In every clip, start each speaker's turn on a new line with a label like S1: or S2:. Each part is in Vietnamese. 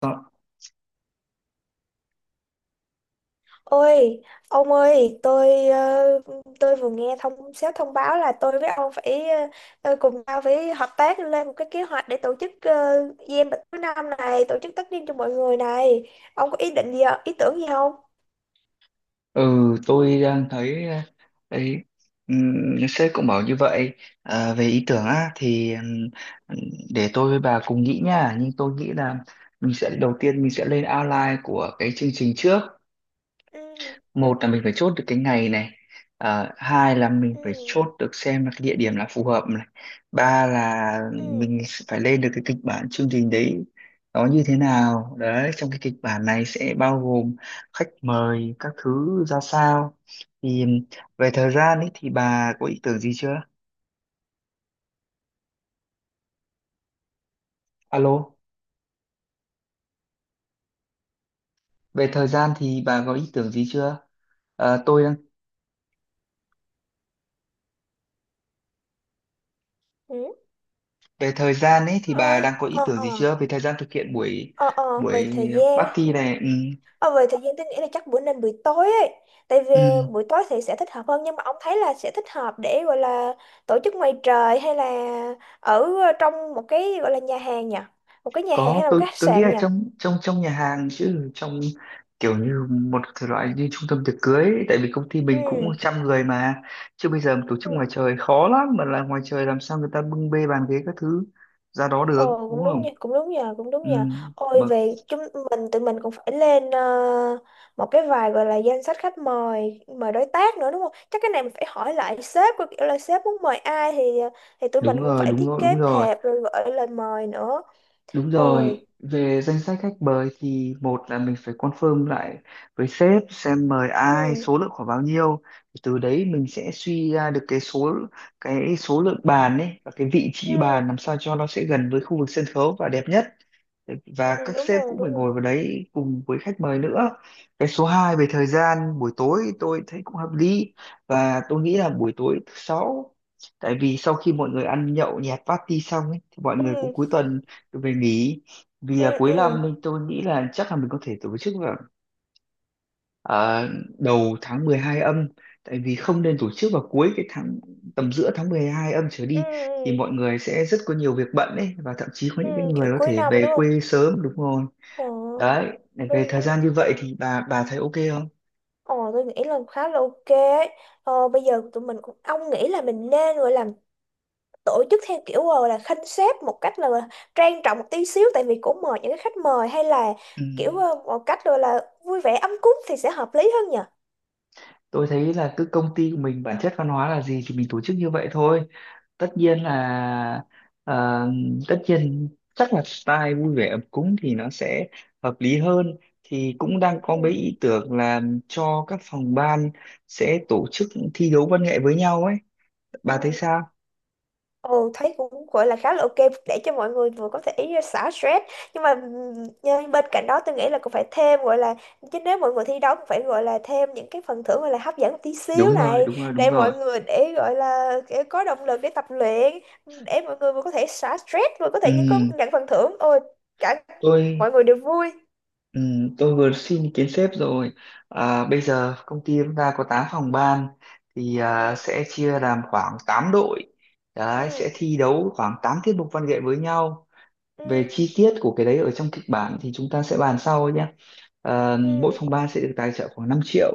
S1: Ờ,
S2: Ôi, ông ơi, tôi vừa nghe thông sếp thông báo là tôi với ông phải cùng nhau phải hợp tác lên một cái kế hoạch để tổ chức game bịch cuối năm này, tổ chức tất niên cho mọi người này. Ông có ý định gì, ạ? Ý tưởng gì không?
S1: Ừ, tôi đang thấy ờ, ấy sếp cũng bảo như vậy. Về ý tưởng á thì để tôi với bà cùng nghĩ nha, nhưng tôi nghĩ là mình sẽ đầu tiên mình sẽ lên outline của cái chương trình trước.
S2: Ừ,
S1: Một là mình phải chốt được cái ngày này, hai là mình
S2: ừ,
S1: phải chốt được xem là cái địa điểm là phù hợp này, ba là
S2: ừ,
S1: mình phải lên được cái kịch bản chương trình đấy nó như thế nào, đấy trong cái kịch bản này sẽ bao gồm khách mời các thứ ra sao. Thì về thời gian ấy thì bà có ý tưởng gì chưa? Alo, về thời gian thì bà có ý tưởng gì chưa? Ờ, tôi đang
S2: ừ,
S1: về thời gian ấy thì
S2: ờ,
S1: bà đang có ý
S2: ờ,
S1: tưởng gì
S2: ờ,
S1: chưa về thời gian thực hiện buổi
S2: ờ, ờ, về
S1: buổi
S2: thời gian.
S1: party này. Ừ.
S2: Ờ, về thời gian tôi nghĩ là chắc bữa nên buổi tối ấy, tại vì
S1: Ừ,
S2: buổi tối thì sẽ thích hợp hơn, nhưng mà ông thấy là sẽ thích hợp để gọi là tổ chức ngoài trời hay là ở trong một cái gọi là nhà hàng nhỉ, một cái nhà hàng
S1: có,
S2: hay là một
S1: tôi
S2: cái khách
S1: tôi nghĩ
S2: sạn
S1: là
S2: nhỉ?
S1: trong trong trong nhà hàng chứ trong kiểu như một cái loại như trung tâm tiệc cưới ấy, tại vì công ty mình cũng
S2: ừ
S1: trăm người mà, chứ bây giờ mà tổ chức
S2: ừ.
S1: ngoài trời khó lắm, mà là ngoài trời làm sao người ta bưng bê bàn ghế các thứ ra đó được,
S2: Ồ,
S1: đúng
S2: cũng đúng
S1: không?
S2: nha, cũng đúng nhờ, cũng đúng
S1: Ừ,
S2: nhờ. Ôi,
S1: mà
S2: về chúng mình tụi mình cũng phải lên một cái vài gọi là danh sách khách mời, mời đối tác nữa đúng không? Chắc cái này mình phải hỏi lại sếp coi kiểu là sếp muốn mời ai, thì thì tụi mình
S1: đúng
S2: cũng
S1: rồi,
S2: phải
S1: đúng
S2: thiết
S1: rồi, đúng
S2: kế
S1: rồi.
S2: thiệp rồi gửi lời mời nữa.
S1: Đúng
S2: Ôi
S1: rồi, về danh sách khách mời thì một là mình phải confirm lại với sếp xem mời ai,
S2: ừ
S1: số lượng khoảng bao nhiêu. Từ đấy mình sẽ suy ra được cái số lượng bàn ấy và cái vị trí bàn
S2: ừ
S1: làm sao cho nó sẽ gần với khu vực sân khấu và đẹp nhất,
S2: ừ,
S1: và các
S2: Đúng
S1: sếp
S2: rồi,
S1: cũng phải
S2: đúng rồi.
S1: ngồi vào đấy cùng với khách mời nữa. Cái số hai, về thời gian buổi tối tôi thấy cũng hợp lý, và tôi nghĩ là buổi tối thứ sáu, tại vì sau khi mọi người ăn nhậu nhẹt party xong ấy, thì mọi người cũng
S2: ừ
S1: cuối tuần về nghỉ. Vì
S2: ừ
S1: là cuối năm
S2: ừ
S1: nên tôi nghĩ là chắc là mình có thể tổ chức vào ờ, đầu tháng 12 âm, tại vì không nên tổ chức vào cuối cái tháng, tầm giữa tháng 12 âm trở
S2: ừ
S1: đi thì
S2: ừ
S1: mọi người sẽ rất có nhiều việc bận ấy, và thậm chí có
S2: ừ,
S1: những cái người
S2: kiểu
S1: có
S2: cuối
S1: thể
S2: năm
S1: về
S2: đúng không?
S1: quê sớm, đúng rồi.
S2: Ồ,
S1: Đấy, để
S2: đúng
S1: về
S2: rồi, đúng
S1: thời
S2: rồi.
S1: gian như vậy thì bà thấy ok không?
S2: Ồ, tôi nghĩ là khá là ok ấy. Bây giờ tụi mình cũng ông nghĩ là mình nên gọi là tổ chức theo kiểu gọi là khanh xếp một cách là trang trọng một tí xíu, tại vì cũng mời những cái khách mời, hay là
S1: Ừ.
S2: kiểu một cách gọi là vui vẻ ấm cúng thì sẽ hợp lý hơn nhỉ.
S1: Tôi thấy là cứ công ty của mình bản chất văn hóa là gì thì mình tổ chức như vậy thôi. Tất nhiên là ờ, tất nhiên chắc là style vui vẻ ấm cúng thì nó sẽ hợp lý hơn. Thì cũng đang có mấy
S2: ừ
S1: ý tưởng là cho các phòng ban sẽ tổ chức thi đấu văn nghệ với nhau ấy, bà thấy
S2: ừ
S1: sao?
S2: Ừ, thấy cũng gọi là khá là ok, để cho mọi người vừa có thể xả stress, nhưng mà nhưng bên cạnh đó tôi nghĩ là cũng phải thêm gọi là, chứ nếu mọi người thi đấu cũng phải gọi là thêm những cái phần thưởng gọi là hấp dẫn một tí xíu
S1: Đúng rồi,
S2: này,
S1: đúng rồi, đúng
S2: để
S1: rồi.
S2: mọi người để gọi là để có động lực để tập luyện, để mọi người vừa có thể xả stress vừa có
S1: ừ,
S2: thể những có nhận phần thưởng, ôi cả mọi
S1: tôi
S2: người đều vui.
S1: Ừ, tôi vừa xin ý kiến sếp rồi. À, bây giờ công ty chúng ta có 8 phòng ban thì
S2: Ừ
S1: sẽ chia làm khoảng 8 đội. Đấy,
S2: ừ
S1: sẽ thi đấu khoảng 8 tiết mục văn nghệ với nhau.
S2: ừ
S1: Về chi tiết của cái đấy ở trong kịch bản thì chúng ta sẽ bàn sau nhé. Ờ,
S2: ừ
S1: mỗi phòng ban sẽ được tài trợ khoảng 5 triệu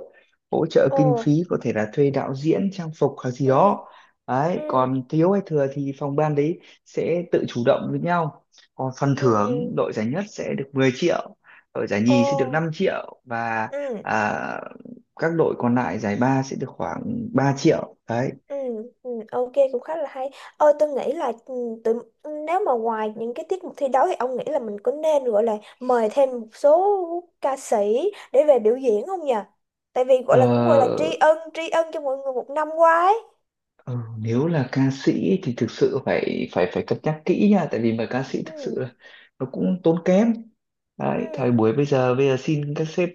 S1: hỗ trợ
S2: ồ
S1: kinh phí, có thể là thuê đạo diễn, trang phục hoặc gì
S2: ừ
S1: đó. Đấy,
S2: ừ
S1: còn thiếu hay thừa thì phòng ban đấy sẽ tự chủ động với nhau. Còn phần thưởng,
S2: ừ
S1: đội giải nhất sẽ được 10 triệu, đội giải
S2: ồ
S1: nhì sẽ được 5 triệu, và
S2: ừ
S1: à, các đội còn lại giải ba sẽ được khoảng 3 triệu đấy.
S2: Ừ, ừ, Ok cũng khá là hay. Ôi tôi nghĩ là tụi, nếu mà ngoài những cái tiết mục thi đấu thì ông nghĩ là mình có nên gọi là mời thêm một số ca sĩ để về biểu diễn không nhỉ? Tại vì gọi
S1: Ờ,
S2: là cũng gọi là tri ân cho mọi người một năm qua ấy.
S1: Ừ, nếu là ca sĩ thì thực sự phải phải phải cân nhắc kỹ nha, tại vì mà ca sĩ thực sự
S2: Ừ,
S1: là nó cũng tốn kém đấy. Thời
S2: ừ,
S1: buổi bây giờ, xin các sếp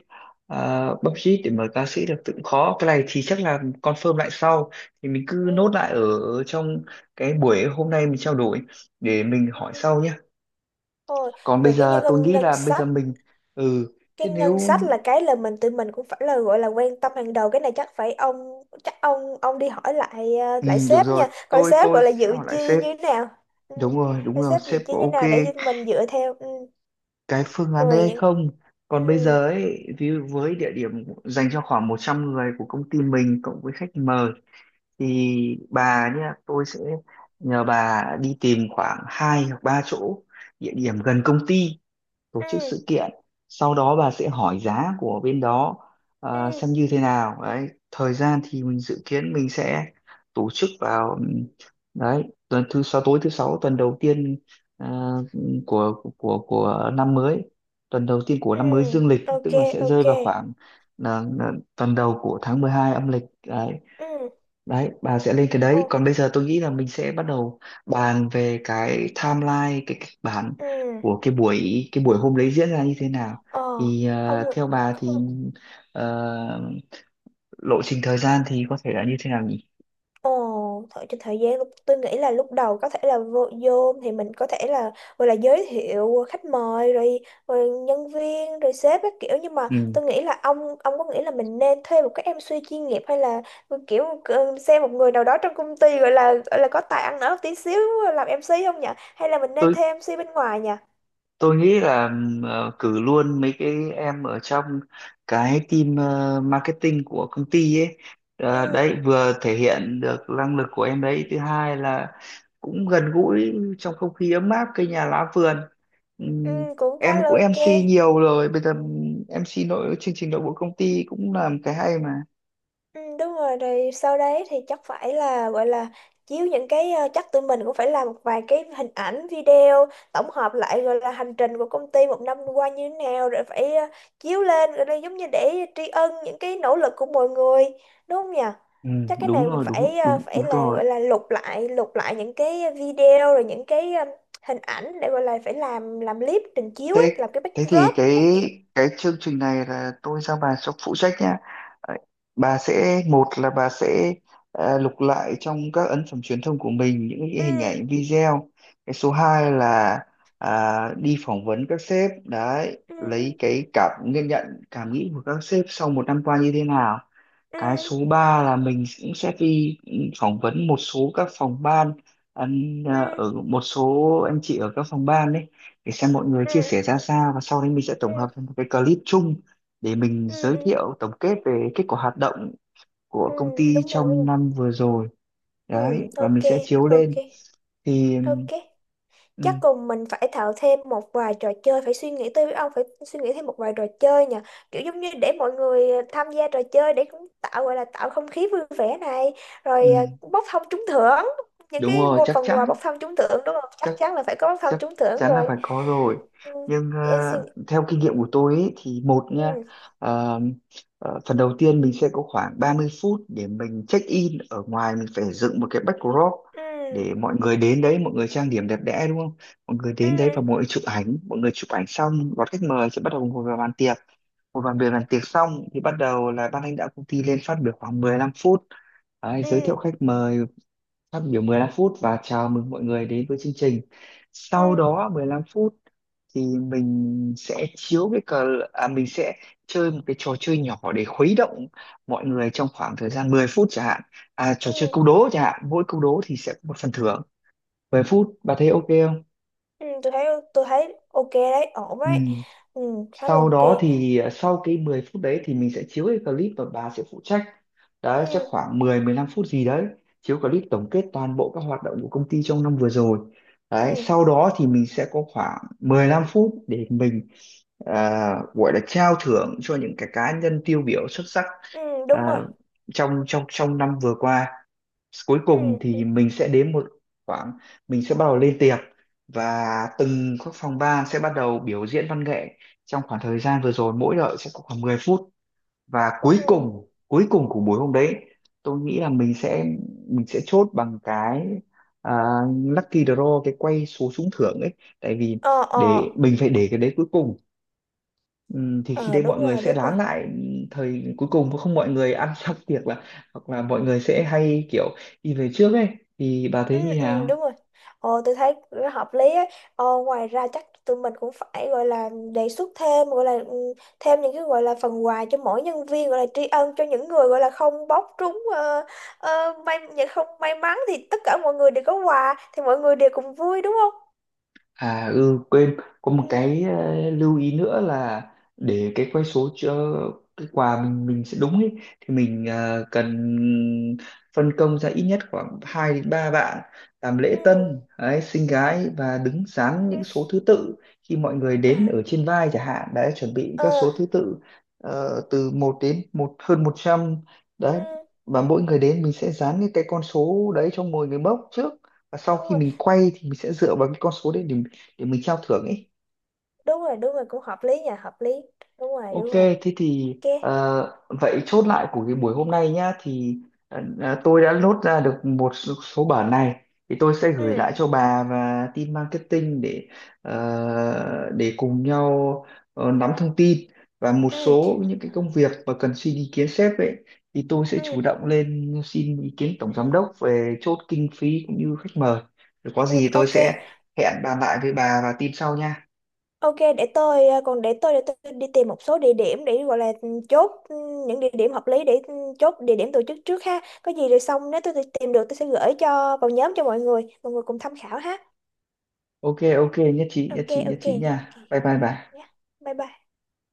S1: budget để mời ca sĩ được cũng khó, cái này thì chắc là confirm lại sau. Thì mình cứ nốt
S2: ừ,
S1: lại ở trong cái buổi hôm nay mình trao đổi, để mình hỏi
S2: ừ.
S1: sau nhé.
S2: Thôi
S1: Còn bây
S2: về cái nhân
S1: giờ tôi
S2: ngân
S1: nghĩ
S2: ngân
S1: là bây giờ
S2: sách,
S1: mình ừ thế
S2: cái ngân
S1: nếu
S2: sách là cái là mình tụi mình cũng phải là gọi là quan tâm hàng đầu. Cái này chắc phải ông chắc ông đi hỏi lại
S1: ừ,
S2: lại
S1: được
S2: sếp
S1: rồi,
S2: nha, coi
S1: tôi
S2: sếp
S1: tôi
S2: gọi là
S1: sẽ
S2: dự
S1: hỏi lại
S2: chi
S1: sếp.
S2: như thế nào. ừ.
S1: Đúng rồi, đúng
S2: Coi
S1: rồi,
S2: sếp dự
S1: sếp
S2: chi
S1: có
S2: như thế
S1: ok
S2: nào để cho mình dựa theo. Ừ.
S1: cái phương án đấy
S2: rồi
S1: hay
S2: những
S1: không.
S2: ừ.
S1: Còn bây giờ ấy, ví dụ với địa điểm dành cho khoảng 100 người của công ty mình cộng với khách mời, thì bà nhá, tôi sẽ nhờ bà đi tìm khoảng hai hoặc ba chỗ địa điểm gần công ty tổ chức
S2: Ừ.
S1: sự kiện, sau đó bà sẽ hỏi giá của bên đó,
S2: Ừ.
S1: xem như thế nào. Đấy, thời gian thì mình dự kiến mình sẽ tổ chức vào đấy tuần thứ sáu, tối thứ sáu tuần đầu tiên ờ, của năm mới, tuần đầu tiên của
S2: Ừ.
S1: năm mới dương lịch,
S2: ok
S1: tức là sẽ rơi
S2: ok
S1: vào khoảng là tuần đầu của tháng 12 âm lịch đấy.
S2: ừ.
S1: Đấy, bà sẽ lên cái
S2: Ồ.
S1: đấy, còn bây giờ tôi nghĩ là mình sẽ bắt đầu bàn về cái timeline, cái kịch bản
S2: Ừ.
S1: của cái buổi hôm đấy diễn ra như thế nào.
S2: Ờ.
S1: Thì
S2: Ông
S1: ờ,
S2: Nguyễn-
S1: theo bà thì ờ, lộ trình thời gian thì có thể là như thế nào nhỉ?
S2: Ồ, thời gian lúc tôi nghĩ là lúc đầu có thể là vô thì mình có thể là gọi là giới thiệu khách mời rồi, rồi nhân viên rồi sếp các kiểu, nhưng mà
S1: Ừ.
S2: tôi nghĩ là ông có nghĩ là mình nên thuê một cái em MC chuyên nghiệp, hay là kiểu xem một người nào đó trong công ty gọi là có tài ăn nói một tí xíu làm em MC không nhỉ? Hay là mình nên
S1: tôi
S2: thuê MC bên ngoài nhỉ?
S1: tôi nghĩ là cử luôn mấy cái em ở trong cái team marketing của công ty ấy.
S2: Ừ,
S1: Ờ, đấy vừa thể hiện được năng lực của em, đấy thứ hai là cũng gần gũi trong không khí ấm áp cây nhà lá vườn. Ừ.
S2: ừ Cũng khá
S1: Em
S2: là
S1: cũng
S2: ok.
S1: MC nhiều rồi, bây giờ MC nội chương trình nội bộ công ty cũng làm cái hay mà.
S2: Ừ, đúng rồi, rồi sau đấy thì chắc phải là gọi là chiếu những cái chắc tụi mình cũng phải làm một vài cái hình ảnh video tổng hợp lại, gọi là hành trình của công ty một năm qua như thế nào, rồi phải chiếu lên, rồi đây giống như để tri ân những cái nỗ lực của mọi người đúng không nhỉ?
S1: Ừ,
S2: Chắc cái
S1: đúng
S2: này mình
S1: rồi, đúng
S2: phải
S1: đúng
S2: phải
S1: đúng
S2: là
S1: rồi.
S2: gọi là lục lại những cái video, rồi những cái hình ảnh để gọi là phải làm clip trình chiếu ấy,
S1: Thế
S2: làm cái
S1: thế thì
S2: backdrop
S1: cái
S2: các kiểu.
S1: cái chương trình này là tôi giao bà cho phụ trách nhá. Đấy, bà sẽ một là bà sẽ lục lại trong các ấn phẩm truyền thông của mình những cái hình
S2: Ừ
S1: ảnh video. Cái số 2 là đi phỏng vấn các sếp đấy,
S2: ừ
S1: lấy cái cảm nhận nhận cảm nghĩ của các sếp sau một năm qua như thế nào.
S2: ừ
S1: Cái số 3 là mình cũng sẽ đi phỏng vấn một số các phòng ban, ăn,
S2: ừ
S1: ở một số anh chị ở các phòng ban đấy, để xem mọi người
S2: ừ
S1: chia
S2: ừ
S1: sẻ ra sao, và sau đấy mình sẽ tổng hợp
S2: ừ.
S1: thành một cái clip chung để mình
S2: ừ
S1: giới
S2: ừ
S1: thiệu tổng kết về kết quả hoạt động của
S2: ừ
S1: công ty
S2: Đúng rồi, đúng
S1: trong
S2: rồi.
S1: năm vừa rồi.
S2: Ừ
S1: Đấy, và mình
S2: ok
S1: sẽ chiếu
S2: ok
S1: lên. Thì
S2: ok Chắc
S1: ừ,
S2: cùng mình phải tạo thêm một vài trò chơi, phải suy nghĩ tới, ông phải suy nghĩ thêm một vài trò chơi nhỉ, kiểu giống như để mọi người tham gia trò chơi để cũng tạo gọi là tạo không khí vui vẻ này,
S1: ừ,
S2: rồi bốc thăm trúng thưởng, những
S1: đúng
S2: cái
S1: rồi,
S2: một
S1: chắc
S2: phần quà
S1: chắn,
S2: bốc thăm trúng thưởng đúng không? Chắc chắn là phải có bốc thăm
S1: chắc
S2: trúng thưởng
S1: chắn là
S2: rồi.
S1: phải có rồi.
S2: Ừ,
S1: Nhưng ờ,
S2: em suy nghĩ-
S1: theo kinh nghiệm của tôi ấy, thì một nha,
S2: ừ
S1: ờ, phần đầu tiên mình sẽ có khoảng 30 phút để mình check in ở ngoài, mình phải dựng một cái backdrop
S2: ừ
S1: để mọi người đến đấy, mọi người trang điểm đẹp đẽ đúng không, mọi người
S2: ừ
S1: đến đấy và mọi người chụp ảnh, mọi người chụp ảnh xong đón khách mời sẽ bắt đầu ngồi vào bàn tiệc. Ngồi vào bàn tiệc xong thì bắt đầu là ban lãnh đạo công ty lên phát biểu khoảng 15 phút. Đấy,
S2: ừ
S1: giới thiệu khách mời, phát biểu 15 phút và chào mừng mọi người đến với chương trình. Sau
S2: ừ
S1: đó 15 phút thì mình sẽ chiếu cái cờ, mình sẽ chơi một cái trò chơi nhỏ để khuấy động mọi người trong khoảng thời gian 10 phút chẳng hạn. À,
S2: ừ
S1: trò chơi câu đố chẳng hạn, mỗi câu đố thì sẽ có một phần thưởng. 10 phút, bà thấy ok không?
S2: Ừ, tôi thấy, tôi thấy ok đấy, ổn
S1: Ừ.
S2: đấy, ừ, khá là
S1: Sau đó
S2: ok.
S1: thì sau cái 10 phút đấy thì mình sẽ chiếu cái clip và bà sẽ phụ trách.
S2: ừ,
S1: Đấy, chắc khoảng 10 15 phút gì đấy, chiếu clip tổng kết toàn bộ các hoạt động của công ty trong năm vừa rồi. Đấy,
S2: ừ,
S1: sau đó thì mình sẽ có khoảng 15 phút để mình gọi là trao thưởng cho những cái cá nhân tiêu biểu xuất sắc
S2: ừ, Đúng rồi.
S1: à, trong trong trong năm vừa qua. Cuối
S2: ừ,
S1: cùng
S2: ừ,
S1: thì mình sẽ đến một khoảng, mình sẽ bắt đầu lên tiệc, và từng các phòng ban sẽ bắt đầu biểu diễn văn nghệ trong khoảng thời gian vừa rồi, mỗi đội sẽ có khoảng 10 phút. Và cuối
S2: ừ.
S1: cùng cuối cùng của buổi hôm đấy, tôi nghĩ là mình sẽ chốt bằng cái à, lucky draw, cái quay số trúng thưởng ấy, tại vì
S2: ờ ờ
S1: để mình phải để cái đấy cuối cùng. Thì khi
S2: ờ
S1: đấy
S2: Đúng
S1: mọi người
S2: rồi,
S1: sẽ
S2: đúng rồi.
S1: lán lại, thời cuối cùng không mọi người ăn xong tiệc là hoặc là mọi người sẽ hay kiểu đi về trước ấy. Thì bà thấy như
S2: Ừ,
S1: nào?
S2: Đúng rồi, ờ tôi thấy nó hợp lý ấy. Ngoài ra chắc tụi mình cũng phải gọi là đề xuất thêm gọi là thêm những cái gọi là phần quà cho mỗi nhân viên, gọi là tri ân cho những người gọi là không bóc trúng may, những không may mắn, thì tất cả mọi người đều có quà thì mọi người đều cùng vui đúng không?
S1: À ừ quên, có một
S2: ừ,
S1: cái lưu ý nữa là để cái quay số cho cái quà mình sẽ đúng ấy, thì mình cần phân công ra ít nhất khoảng 2 đến 3 bạn làm lễ
S2: ừ,
S1: tân đấy, xinh gái và đứng dán
S2: ừ.
S1: những số thứ tự khi mọi người
S2: À.
S1: đến, ở trên vai chẳng hạn. Đấy, chuẩn bị
S2: ờ
S1: các số thứ tự từ một đến hơn 100
S2: ừ,
S1: đấy, và mỗi người đến mình sẽ dán những cái con số đấy cho mỗi người mốc trước, và sau
S2: Đúng
S1: khi
S2: rồi,
S1: mình quay thì mình sẽ dựa vào cái con số đấy để mình trao thưởng ấy.
S2: đúng rồi, đúng rồi, cũng hợp lý nha, hợp lý, đúng rồi, đúng
S1: Ok,
S2: rồi.
S1: thế thì
S2: ok
S1: ờ, vậy chốt lại của cái buổi hôm nay nhá, thì tôi đã lốt ra được một số, số bản này, thì tôi sẽ gửi
S2: ừ
S1: lại cho bà và team marketing để để cùng nhau nắm thông tin, và một
S2: ừ
S1: số những cái công việc mà cần xin ý kiến sếp ấy thì tôi sẽ chủ
S2: ừ
S1: động lên xin ý kiến tổng giám đốc về chốt kinh phí cũng như khách mời, rồi có
S2: ừ
S1: gì tôi
S2: ok,
S1: sẽ hẹn bàn lại với bà và team sau nha.
S2: ok, để tôi để tôi đi tìm một số địa điểm để gọi là những địa điểm hợp lý để chốt địa điểm tổ chức trước ha, có gì rồi xong nếu tôi tìm được tôi sẽ gửi cho vào nhóm cho mọi người, mọi người cùng tham khảo ha.
S1: Ok, ok, nhất trí, nhất
S2: Ok,
S1: trí nhất
S2: ok,
S1: trí
S2: ok,
S1: nha, bye bye bà.
S2: yeah, bye bye.